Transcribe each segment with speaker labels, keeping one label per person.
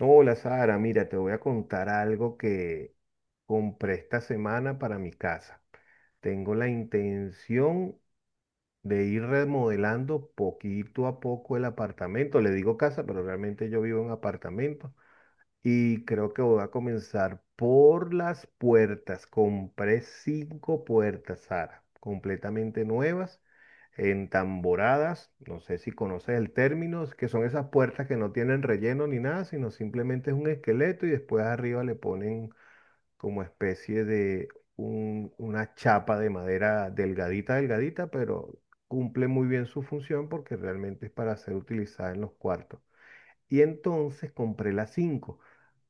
Speaker 1: Hola Sara, mira, te voy a contar algo que compré esta semana para mi casa. Tengo la intención de ir remodelando poquito a poco el apartamento. Le digo casa, pero realmente yo vivo en apartamento. Y creo que voy a comenzar por las puertas. Compré cinco puertas, Sara, completamente nuevas, entamboradas. No sé si conoces el término, que son esas puertas que no tienen relleno ni nada, sino simplemente es un esqueleto y después arriba le ponen como especie de una chapa de madera delgadita, delgadita, pero cumple muy bien su función porque realmente es para ser utilizada en los cuartos. Y entonces compré las cinco,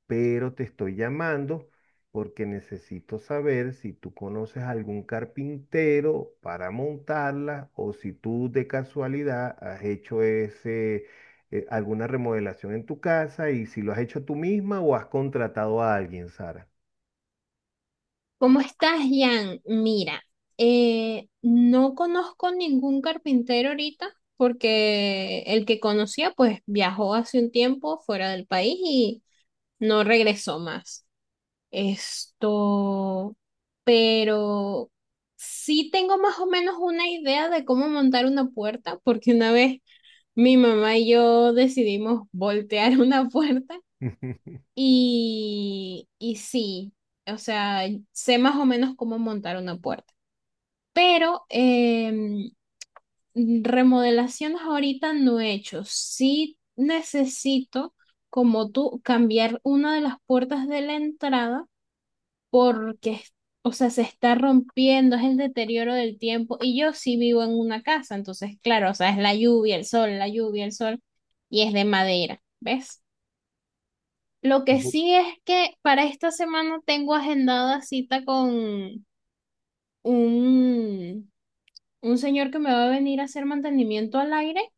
Speaker 1: pero te estoy llamando porque necesito saber si tú conoces algún carpintero para montarla o si tú de casualidad has hecho ese, alguna remodelación en tu casa y si lo has hecho tú misma o has contratado a alguien, Sara.
Speaker 2: ¿Cómo estás, Jan? Mira, no conozco ningún carpintero ahorita porque el que conocía pues viajó hace un tiempo fuera del país y no regresó más. Esto, pero sí tengo más o menos una idea de cómo montar una puerta porque una vez mi mamá y yo decidimos voltear una puerta y sí, o sea, sé más o menos cómo montar una puerta. Pero remodelaciones ahorita no he hecho. Sí necesito, como tú, cambiar una de las puertas de la entrada porque, o sea, se está rompiendo, es el deterioro del tiempo. Y yo sí vivo en una casa, entonces, claro, o sea, es la lluvia, el sol, la lluvia, el sol, y es de madera, ¿ves? Lo que
Speaker 1: Bu-
Speaker 2: sí es que para esta semana tengo agendada cita con un, un señor que me va a venir a hacer mantenimiento al aire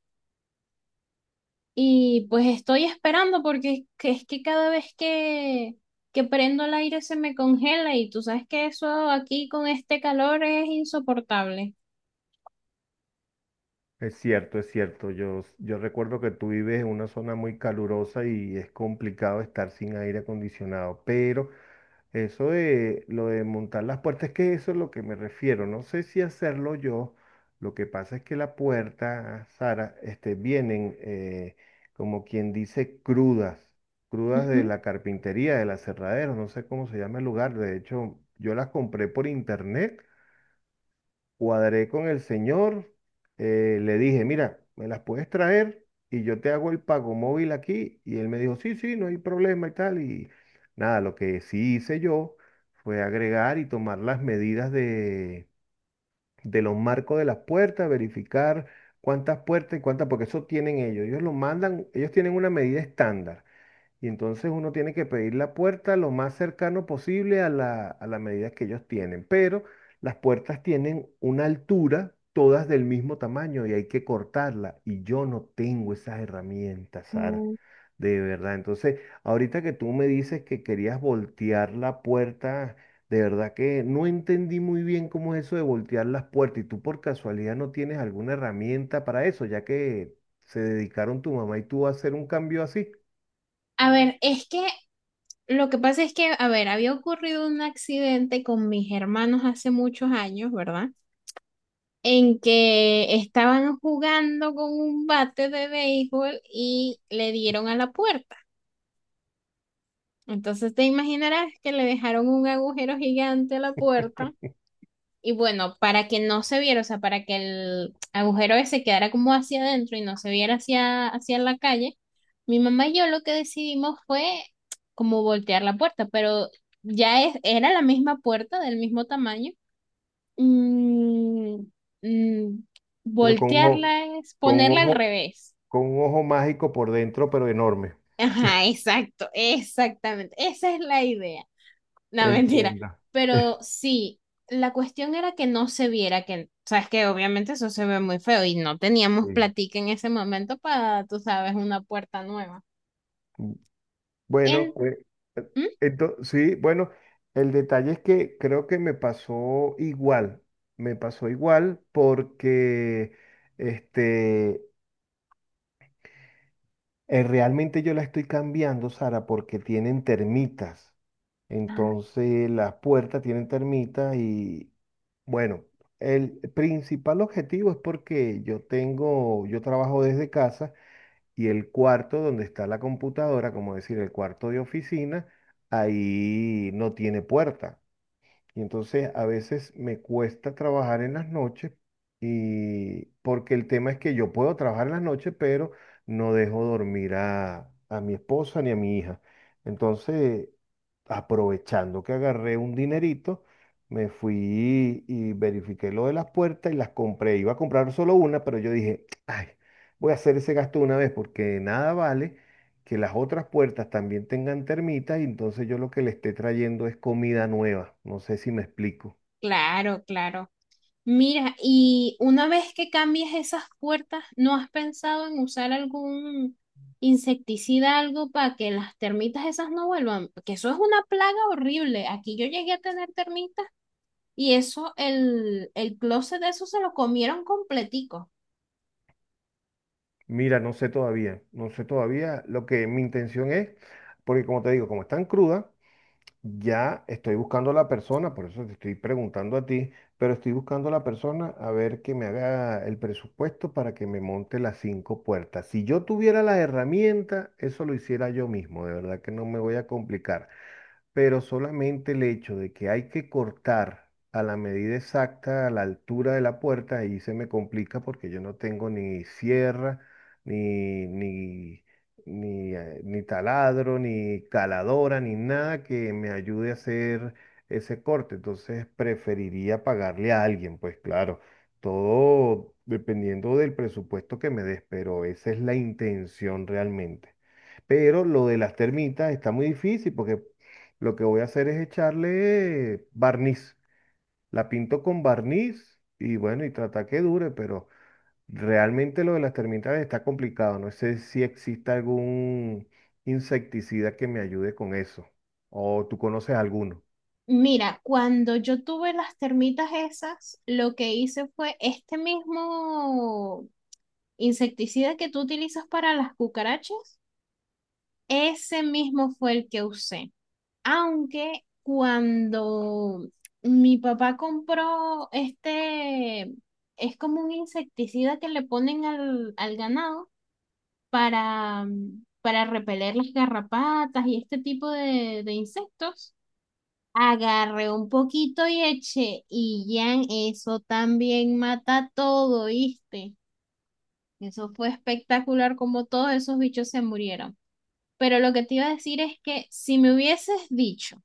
Speaker 2: y pues estoy esperando porque es que cada vez que prendo el aire se me congela y tú sabes que eso aquí con este calor es insoportable.
Speaker 1: Es cierto, es cierto. Yo recuerdo que tú vives en una zona muy calurosa y es complicado estar sin aire acondicionado, pero... Eso de lo de montar las puertas, es que eso es lo que me refiero. No sé si hacerlo yo. Lo que pasa es que la puerta, Sara, este, vienen como quien dice crudas, crudas de
Speaker 2: Ujú.
Speaker 1: la carpintería, del aserradero, no sé cómo se llama el lugar. De hecho, yo las compré por internet, cuadré con el señor, le dije, mira, me las puedes traer y yo te hago el pago móvil aquí. Y él me dijo, sí, sí, no hay problema y tal. Y nada, lo que sí hice yo fue agregar y tomar las medidas de los marcos de las puertas, verificar cuántas puertas y cuántas, porque eso tienen ellos. Ellos lo mandan, ellos tienen una medida estándar. Y entonces uno tiene que pedir la puerta lo más cercano posible a la medida que ellos tienen. Pero las puertas tienen una altura, todas del mismo tamaño y hay que cortarla. Y yo no tengo esas herramientas, Sara.
Speaker 2: Mm.
Speaker 1: De verdad. Entonces, ahorita que tú me dices que querías voltear la puerta, de verdad que no entendí muy bien cómo es eso de voltear las puertas. Y tú por casualidad no tienes alguna herramienta para eso, ya que se dedicaron tu mamá y tú a hacer un cambio así.
Speaker 2: A ver, es que lo que pasa es que, a ver, había ocurrido un accidente con mis hermanos hace muchos años, ¿verdad? En que estaban jugando con un bate de béisbol y le dieron a la puerta. Entonces te imaginarás que le dejaron un agujero gigante a la puerta. Y bueno, para que no se viera, o sea, para que el agujero ese quedara como hacia adentro y no se viera hacia la calle, mi mamá y yo lo que decidimos fue como voltear la puerta, pero ya era la misma puerta del mismo tamaño. Mm. Mm,
Speaker 1: Pero con
Speaker 2: voltearla es
Speaker 1: con un
Speaker 2: ponerla al
Speaker 1: ojo,
Speaker 2: revés.
Speaker 1: con un ojo mágico por dentro, pero enorme.
Speaker 2: Ajá, exacto, exactamente. Esa es la idea. No, mentira.
Speaker 1: Entienda.
Speaker 2: Pero sí, la cuestión era que no se viera que, sabes que obviamente eso se ve muy feo y no teníamos
Speaker 1: Sí.
Speaker 2: platica en ese momento para, tú sabes, una puerta nueva.
Speaker 1: Bueno,
Speaker 2: En,
Speaker 1: pues, eh,
Speaker 2: ¿Mm?
Speaker 1: sí, bueno, el detalle es que creo que me pasó igual porque este, eh, realmente yo la estoy cambiando, Sara, porque tienen termitas. Entonces las puertas tienen termitas y bueno, el principal objetivo es porque yo tengo, yo trabajo desde casa y el cuarto donde está la computadora, como decir, el cuarto de oficina, ahí no tiene puerta. Y entonces a veces me cuesta trabajar en las noches y porque el tema es que yo puedo trabajar en las noches, pero no dejo dormir a mi esposa ni a mi hija. Entonces, aprovechando que agarré un dinerito, me fui y verifiqué lo de las puertas y las compré. Iba a comprar solo una, pero yo dije, ay, voy a hacer ese gasto de una vez porque nada vale que las otras puertas también tengan termitas y entonces yo lo que le esté trayendo es comida nueva. No sé si me explico.
Speaker 2: Claro, claro. Mira, y una vez que cambies esas puertas, ¿no has pensado en usar algún insecticida, algo para que las termitas esas no vuelvan? Porque eso es una plaga horrible. Aquí yo llegué a tener termitas y eso, el closet de eso se lo comieron completico.
Speaker 1: Mira, no sé todavía, no sé todavía lo que mi intención es, porque como te digo, como están crudas, ya estoy buscando a la persona, por eso te estoy preguntando a ti, pero estoy buscando a la persona a ver que me haga el presupuesto para que me monte las cinco puertas. Si yo tuviera las herramientas, eso lo hiciera yo mismo, de verdad que no me voy a complicar. Pero solamente el hecho de que hay que cortar a la medida exacta, a la altura de la puerta, ahí se me complica porque yo no tengo ni sierra, ni, ni, ni taladro, ni caladora, ni nada que me ayude a hacer ese corte. Entonces preferiría pagarle a alguien, pues claro, todo dependiendo del presupuesto que me des, pero esa es la intención realmente. Pero lo de las termitas está muy difícil porque lo que voy a hacer es echarle barniz. La pinto con barniz y bueno, y trata que dure, pero realmente lo de las termitas está complicado. No sé si existe algún insecticida que me ayude con eso. ¿O tú conoces alguno?
Speaker 2: Mira, cuando yo tuve las termitas esas, lo que hice fue este mismo insecticida que tú utilizas para las cucarachas, ese mismo fue el que usé. Aunque cuando mi papá compró este, es como un insecticida que le ponen al ganado para, para repeler las garrapatas y este tipo de insectos, agarré un poquito y eché y ya eso también mata todo, ¿viste? Eso fue espectacular como todos esos bichos se murieron. Pero lo que te iba a decir es que si me hubieses dicho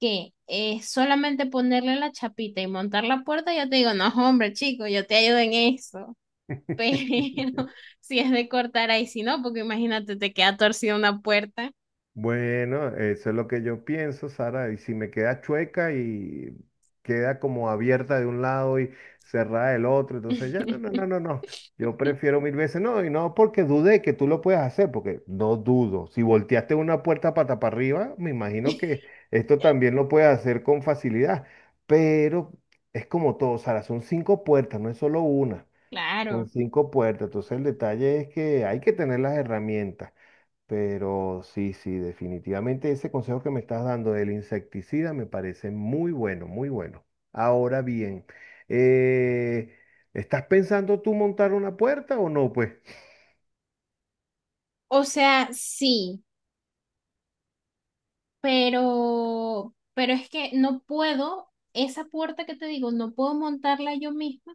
Speaker 2: que es solamente ponerle la chapita y montar la puerta, yo te digo, no, hombre, chico, yo te ayudo en eso. Pero si es de cortar ahí, si no, porque imagínate, te queda torcida una puerta.
Speaker 1: Bueno, eso es lo que yo pienso, Sara. Y si me queda chueca y queda como abierta de un lado y cerrada del otro, entonces ya no, no, no, no, no. Yo prefiero mil veces no, y no porque dudé que tú lo puedas hacer, porque no dudo. Si volteaste una puerta pata para arriba, me imagino que esto también lo puedes hacer con facilidad. Pero es como todo, Sara, son cinco puertas, no es solo una, son
Speaker 2: Claro.
Speaker 1: cinco puertas. Entonces el detalle es que hay que tener las herramientas. Pero sí, sí, definitivamente ese consejo que me estás dando del insecticida me parece muy bueno, muy bueno. Ahora bien, eh, ¿estás pensando tú montar una puerta o no? Pues
Speaker 2: O sea, sí, pero es que no puedo, esa puerta que te digo, no puedo montarla yo misma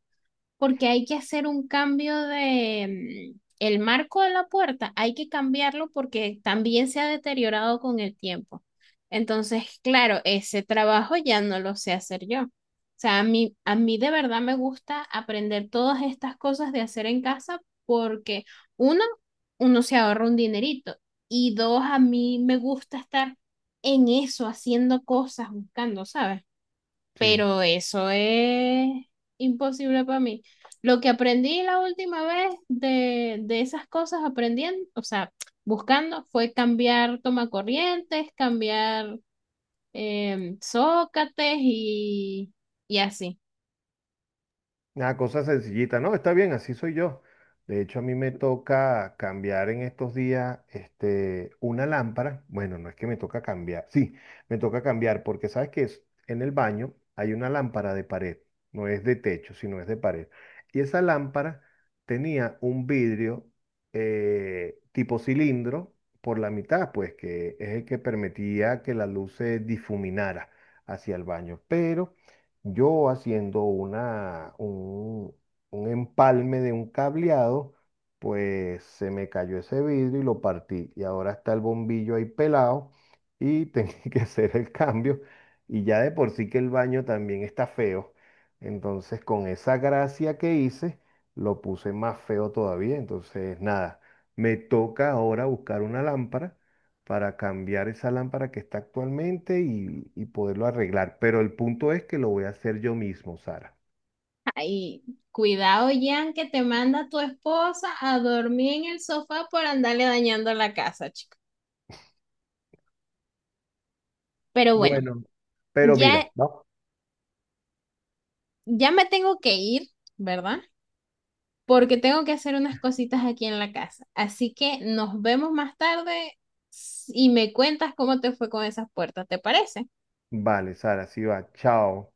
Speaker 2: porque hay que hacer un cambio de el marco de la puerta, hay que cambiarlo porque también se ha deteriorado con el tiempo. Entonces, claro, ese trabajo ya no lo sé hacer yo. O sea, a mí de verdad me gusta aprender todas estas cosas de hacer en casa porque uno, uno se ahorra un dinerito y dos, a mí me gusta estar en eso, haciendo cosas, buscando, ¿sabes?
Speaker 1: sí.
Speaker 2: Pero eso es imposible para mí. Lo que aprendí la última vez de esas cosas aprendiendo, o sea, buscando, fue cambiar tomacorrientes, cambiar zócates y así.
Speaker 1: Una cosa sencillita, ¿no? Está bien, así soy yo. De hecho, a mí me toca cambiar en estos días, este, una lámpara. Bueno, no es que me toca cambiar, sí, me toca cambiar porque sabes que en el baño hay una lámpara de pared, no es de techo, sino es de pared. Y esa lámpara tenía un vidrio tipo cilindro por la mitad, pues que es el que permitía que la luz se difuminara hacia el baño. Pero yo haciendo un empalme de un cableado, pues se me cayó ese vidrio y lo partí. Y ahora está el bombillo ahí pelado y tenía que hacer el cambio. Y ya de por sí que el baño también está feo. Entonces, con esa gracia que hice, lo puse más feo todavía. Entonces, nada, me toca ahora buscar una lámpara para cambiar esa lámpara que está actualmente y poderlo arreglar. Pero el punto es que lo voy a hacer yo mismo, Sara.
Speaker 2: Ay, cuidado, Jan, que te manda tu esposa a dormir en el sofá por andarle dañando la casa, chico. Pero bueno,
Speaker 1: Bueno, pero mira,
Speaker 2: ya,
Speaker 1: ¿no?
Speaker 2: ya me tengo que ir, ¿verdad? Porque tengo que hacer unas cositas aquí en la casa. Así que nos vemos más tarde y me cuentas cómo te fue con esas puertas, ¿te parece?
Speaker 1: Vale, Sara, sí va. Chao.